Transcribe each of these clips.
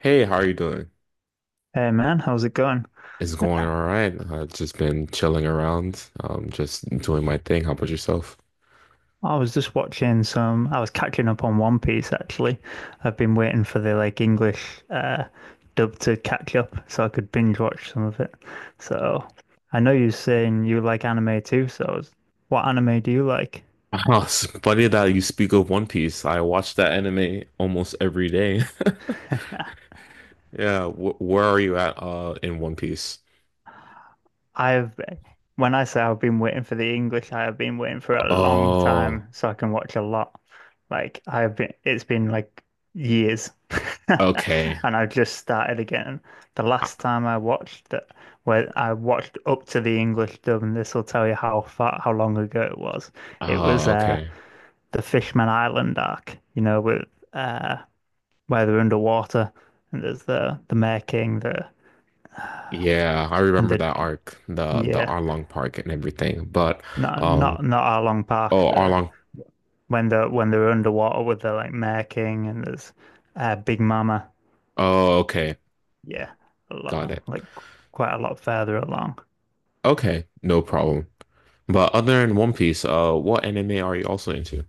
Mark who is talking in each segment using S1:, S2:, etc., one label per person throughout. S1: Hey, how are you doing?
S2: Hey man, how's it going?
S1: It's going all right. I've just been chilling around, just doing my thing. How about yourself?
S2: I was just watching some, I was catching up on One Piece actually. I've been waiting for the like English dub to catch up so I could binge watch some of it. So I know you're saying you like anime too, so what anime do you like?
S1: Oh, it's funny that you speak of One Piece. I watch that anime almost every day. Yeah, wh where are you at, in One Piece?
S2: I have, when I say I've been waiting for the English, I have been waiting for a long
S1: Oh,
S2: time so I can watch a lot. Like I have been, it's been like years,
S1: okay.
S2: and I've just started again. The last time I watched that, where I watched up to the English dub, and this will tell you how far, how long ago it was. It was
S1: Oh, okay.
S2: the Fishman Island arc, you know, with uh where they're underwater and there's the Mer King, the
S1: Yeah, I
S2: and
S1: remember
S2: the
S1: that arc, the
S2: yeah.
S1: Arlong Park and everything. But
S2: Not
S1: um,
S2: not not Arlong Park
S1: oh,
S2: there.
S1: Arlong.
S2: When they're underwater with the like Mare King and there's Big Mama.
S1: Oh, okay,
S2: Yeah, a
S1: got
S2: lot
S1: it.
S2: like quite a lot further along.
S1: Okay, no problem. But other than One Piece, what anime are you also into?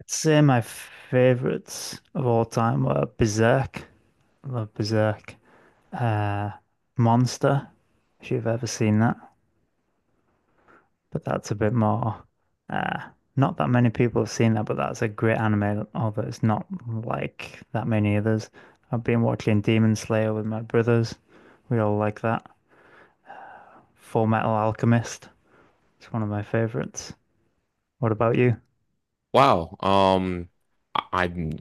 S2: I'd say my favorites of all time were Berserk. I love Berserk. Uh, Monster, if you've ever seen that. But that's a bit more. Uh, Not that many people have seen that, but that's a great anime, although it's not like that many others. I've been watching Demon Slayer with my brothers. We all like that. Full Metal Alchemist. It's one of my favorites. What about you?
S1: Wow. I- I'm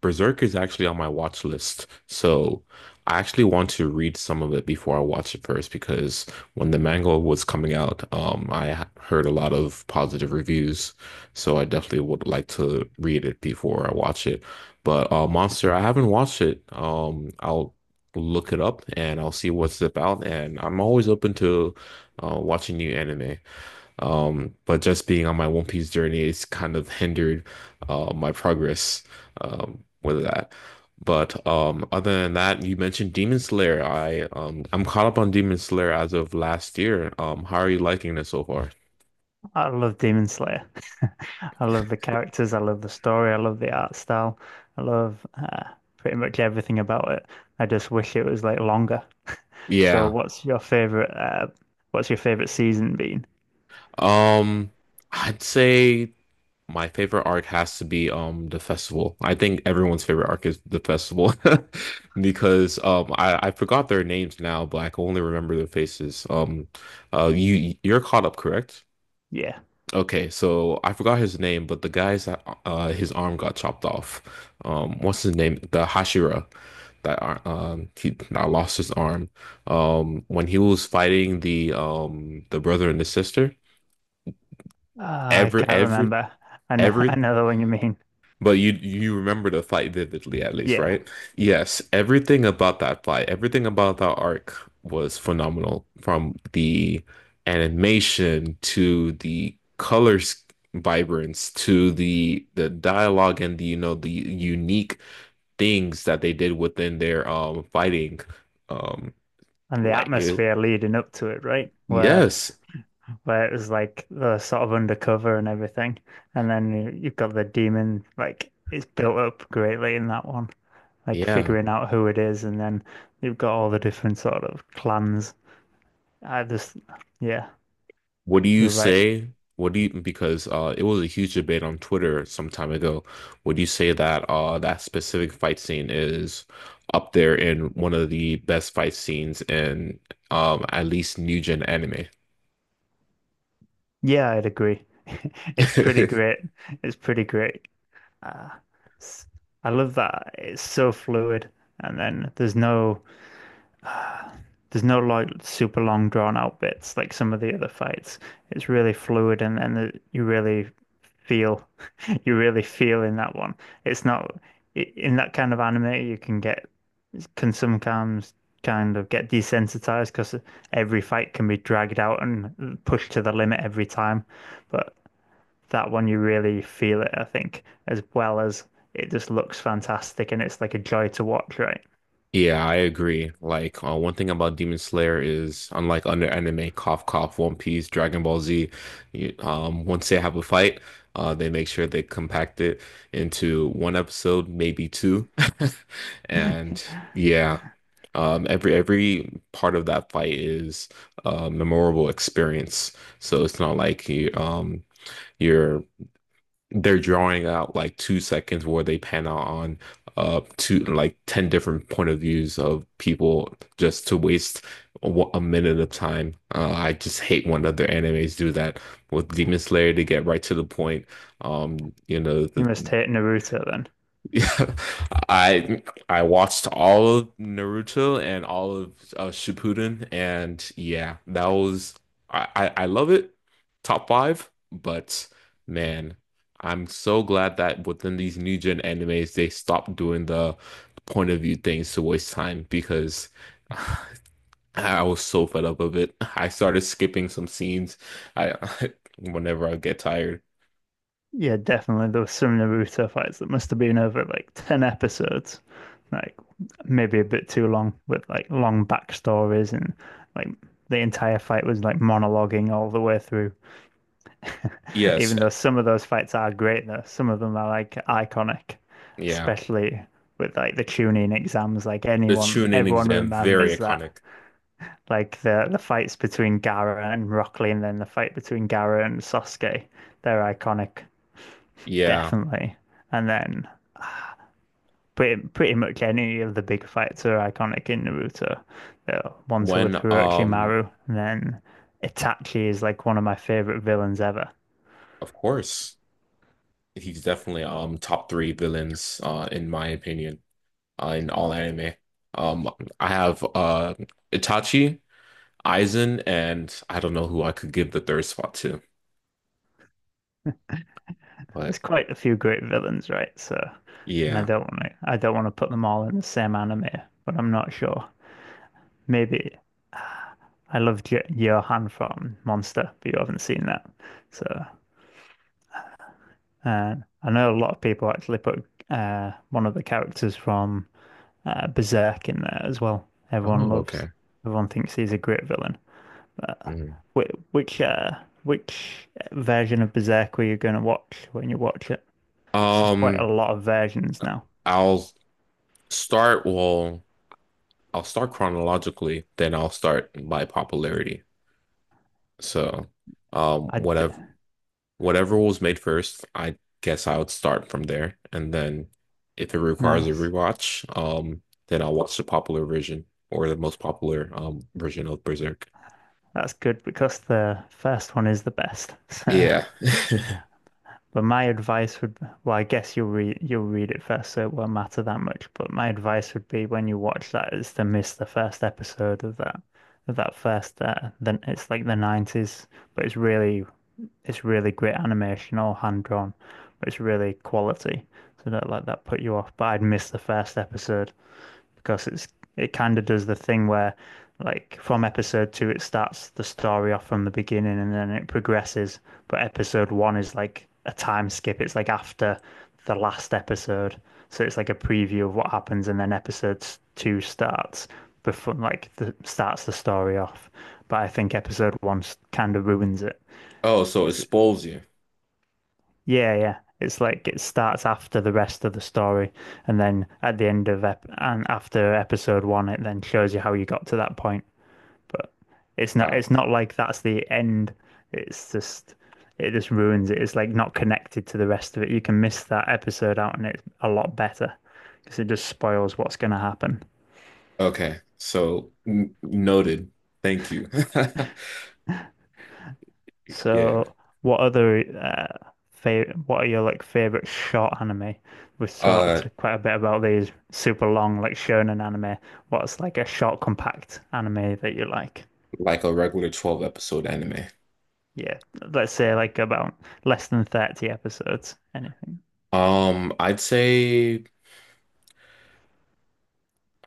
S1: Berserk is actually on my watch list, so I actually want to read some of it before I watch it first because when the manga was coming out, I heard a lot of positive reviews, so I definitely would like to read it before I watch it. But Monster, I haven't watched it. I'll look it up and I'll see what's about, and I'm always open to watching new anime. But just being on my One Piece journey is kind of hindered my progress with that. But other than that, you mentioned Demon Slayer. I'm caught up on Demon Slayer as of last year. How are you liking it so far?
S2: I love Demon Slayer. I love the characters. I love the story. I love the art style. I love pretty much everything about it. I just wish it was like longer. So,
S1: Yeah.
S2: what's your favorite? What's your favorite season been?
S1: Um, I'd say. My favorite arc has to be the festival. I think everyone's favorite arc is the festival because I forgot their names now, but I can only remember their faces. You're caught up, correct?
S2: Yeah.
S1: Okay, so I forgot his name, but the guy's that his arm got chopped off. What's his name? The Hashira that he that lost his arm. When he was fighting the brother and the sister,
S2: Ah, I
S1: every
S2: can't
S1: every
S2: remember. I
S1: every
S2: know the one you mean.
S1: but you remember the fight vividly, at least,
S2: Yeah.
S1: right? Yes, everything about that fight, everything about that arc was phenomenal, from the animation to the colors vibrance to the dialogue and the you know the unique things that they did within their fighting um
S2: And the
S1: like it,
S2: atmosphere leading up to it, right?
S1: yes
S2: Where it was like the sort of undercover and everything. And then you've got the demon, like it's built up greatly in that one. Like
S1: yeah
S2: figuring out who it is and then you've got all the different sort of clans. I just yeah,
S1: what do you
S2: you're right.
S1: say? What do you because it was a huge debate on Twitter some time ago. Would you say that that specific fight scene is up there in one of the best fight scenes in at least new gen anime?
S2: Yeah, I'd agree. It's pretty great. It's pretty great. Uh, s- I love that. It's so fluid. And then there's no like super long drawn out bits like some of the other fights. It's really fluid and you really feel you really feel in that one. It's not in that kind of anime you can get can sometimes kind of get desensitized because every fight can be dragged out and pushed to the limit every time. But that one you really feel it, I think, as well as it just looks fantastic and it's like a joy to watch, right?
S1: Yeah, I agree. Like, one thing about Demon Slayer is, unlike other anime, cough, cough, One Piece, Dragon Ball Z, once they have a fight, they make sure they compact it into one episode, maybe two. And yeah, every part of that fight is a memorable experience. So it's not like you, you're they're drawing out like 2 seconds where they pan out on two like 10 different point of views of people just to waste a, a minute of time. I just hate when other animes do that with Demon Slayer to get right to the point. Um, you know,
S2: You
S1: the
S2: must hate Naruto then.
S1: yeah, I I watched all of Naruto and all of Shippuden, and yeah, that was I love it, top five. But man, I'm so glad that within these new gen animes they stopped doing the point of view things to waste time because I was so fed up of it. I started skipping some scenes. I whenever I get tired.
S2: Yeah, definitely. There was some Naruto fights that must have been over like 10 episodes, like maybe a bit too long, with like long backstories and like the entire fight was like monologuing all the way through.
S1: Yes,
S2: Even though some of those fights are great, though, some of them are like iconic,
S1: yeah,
S2: especially with like the tuning exams. Like
S1: the
S2: anyone,
S1: Chunin
S2: everyone
S1: exam very
S2: remembers that.
S1: iconic.
S2: Like the fights between Gaara and Rock Lee, and then the fight between Gaara and Sasuke, they're iconic,
S1: Yeah,
S2: definitely. And then pretty much any of the big fights are iconic in Naruto. The ones
S1: when
S2: with Orochimaru, and then Itachi is like one of my favorite villains ever.
S1: of course he's definitely top three villains in my opinion in all anime. Um I have Itachi, Aizen, and I don't know who I could give the third spot to,
S2: There's
S1: but
S2: quite a few great villains, right? So, and
S1: yeah.
S2: I don't want to put them all in the same anime, but I'm not sure. Maybe I loved Johan from Monster, but you haven't seen that, so. Uh, I know a lot of people actually put one of the characters from Berserk in there as well. Everyone
S1: Oh,
S2: loves.
S1: okay.
S2: Everyone thinks he's a great villain.
S1: Mm.
S2: Which which, uh, which version of Berserk were you going to watch when you watch it? Because there's quite a
S1: Um
S2: lot of versions now.
S1: I'll start I'll start chronologically, then I'll start by popularity. So um
S2: I d-
S1: whatever whatever was made first, I guess I would start from there. And then if it requires a
S2: Nice.
S1: rewatch, then I'll watch the popular version or the most popular version of Berserk.
S2: That's good because the first one is the best. So,
S1: Yeah.
S2: but my advice would, well, I guess you'll read it first, so it won't matter that much. But my advice would be when you watch that is to miss the first episode of that first then it's like the 90s, but it's really great animation, all hand drawn, but it's really quality. So don't let that put you off. But I'd miss the first episode because it's it kind of does the thing where like from episode two it starts the story off from the beginning and then it progresses. But episode one is like a time skip. It's like after the last episode. So it's like a preview of what happens and then episode two starts before like the starts the story off. But I think episode one kind of ruins it.
S1: Oh, so it
S2: It's,
S1: spoils you.
S2: yeah, yeah. It's like it starts after the rest of the story, and then at the end of ep and after episode one, it then shows you how you got to that point. But
S1: Wow.
S2: it's not like that's the end. It's just it just ruins it. It's like not connected to the rest of it. You can miss that episode out, and it's a lot better because it just spoils what's going to happen.
S1: Okay. So n noted. Thank you. Yeah.
S2: So, what other favorite? What are your like favorite short anime? We've
S1: Uh,
S2: talked quite a bit about these super long like shonen anime. What's like a short, compact anime that you like?
S1: like a regular 12 episode anime.
S2: Yeah, let's say like about less than 30 episodes. Anything?
S1: I'd say.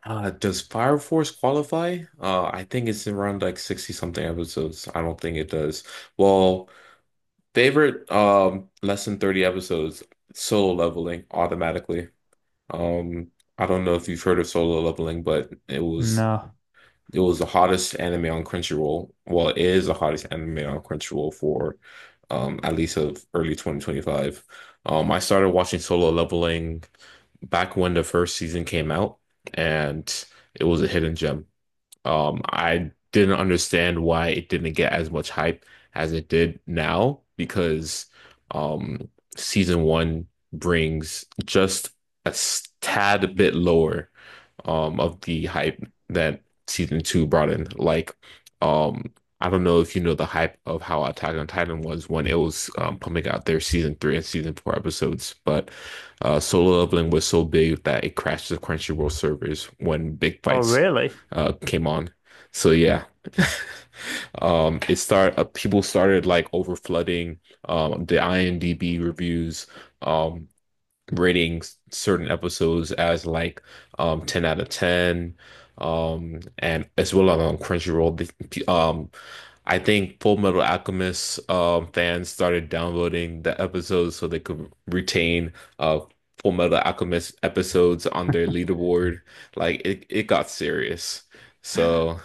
S1: Does Fire Force qualify? I think it's around like 60 something episodes. I don't think it does. Well, favorite less than 30 episodes, solo leveling automatically. Um, I don't know if you've heard of solo leveling, but
S2: No.
S1: it was the hottest anime on Crunchyroll. Well, it is the hottest anime on Crunchyroll for at least of early 2025. I started watching Solo Leveling back when the first season came out, and it was a hidden gem. I didn't understand why it didn't get as much hype as it did now because um, season one brings just a tad bit lower of the hype that season two brought in. Like, um, I don't know if you know the hype of how Attack on Titan was when it was pumping out their season three and season four episodes, but Solo Leveling was so big that it crashed the Crunchyroll servers when big
S2: Oh,
S1: fights
S2: really?
S1: came on. So yeah, it start people started like over flooding the IMDb reviews. Um, rating certain episodes as like 10 out of 10 and as well on Crunchyroll I think Full Metal Alchemist fans started downloading the episodes so they could retain uh, Full Metal Alchemist episodes on their leaderboard. It got serious. So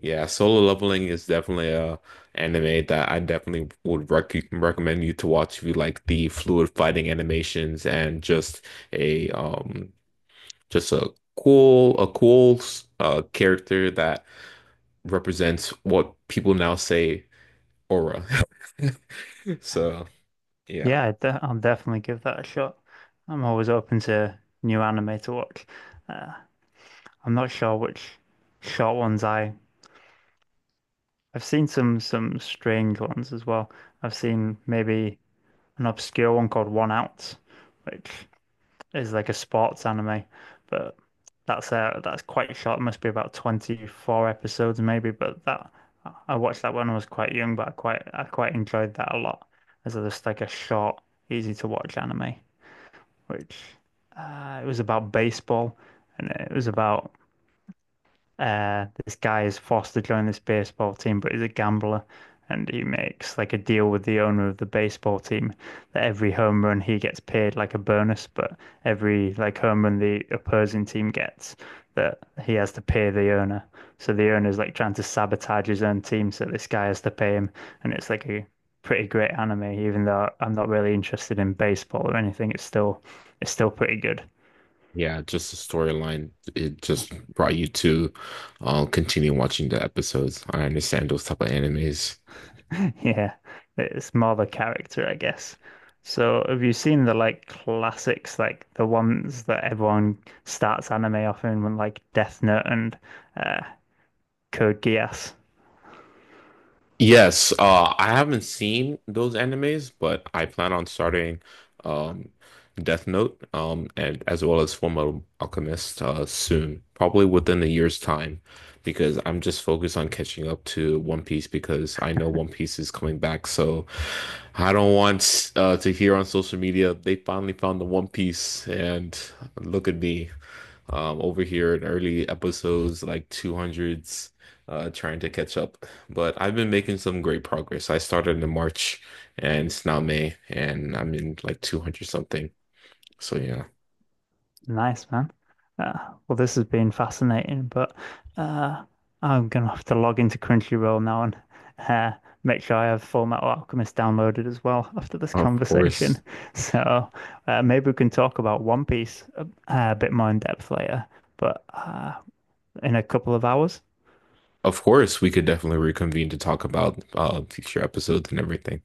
S1: yeah, Solo Leveling is definitely a anime that I definitely would recommend you to watch if you like the fluid fighting animations and just a um a cool character that represents what people now say aura. So yeah,
S2: I'll definitely give that a shot. I'm always open to new anime to watch. Uh, I'm not sure which short ones I've seen some strange ones as well. I've seen maybe an obscure one called One Out, which is like a sports anime, but that's quite short. It must be about 24 episodes maybe, but that I watched that when I was quite young, but I quite enjoyed that a lot as just like a short, easy to watch anime, which it was about baseball and it was about this guy is forced to join this baseball team, but he's a gambler. And he makes like a deal with the owner of the baseball team that every home run he gets paid like a bonus, but every like home run the opposing team gets that he has to pay the owner. So the owner's like trying to sabotage his own team, so this guy has to pay him. And it's like a pretty great anime, even though I'm not really interested in baseball or anything, it's still pretty good.
S1: yeah, just the storyline. It just brought you to continue watching the episodes. I understand those type of animes.
S2: Yeah, it's more the character, I guess. So, have you seen the like classics, like the ones that everyone starts anime off in, when, like Death Note and uh, Code Geass?
S1: Yes, I haven't seen those animes, but I plan on starting um, Death Note and as well as Fullmetal Alchemist soon, probably within a year's time, because I'm just focused on catching up to One Piece because I know One Piece is coming back. So I don't want to hear on social media they finally found the One Piece, and look at me over here in early episodes like 200s trying to catch up. But I've been making some great progress. I started in March and it's now May and I'm in like 200 something. So yeah,
S2: Nice, man. Uh, well, this has been fascinating, but uh, I'm gonna have to log into Crunchyroll now and uh, make sure I have Full Metal Alchemist downloaded as well after this
S1: of
S2: conversation.
S1: course.
S2: So, maybe we can talk about One Piece a bit more in depth later. But in a couple of hours.
S1: Of course, we could definitely reconvene to talk about future episodes and everything.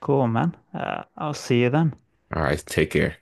S2: Cool, man. I'll see you then.
S1: All right, take care.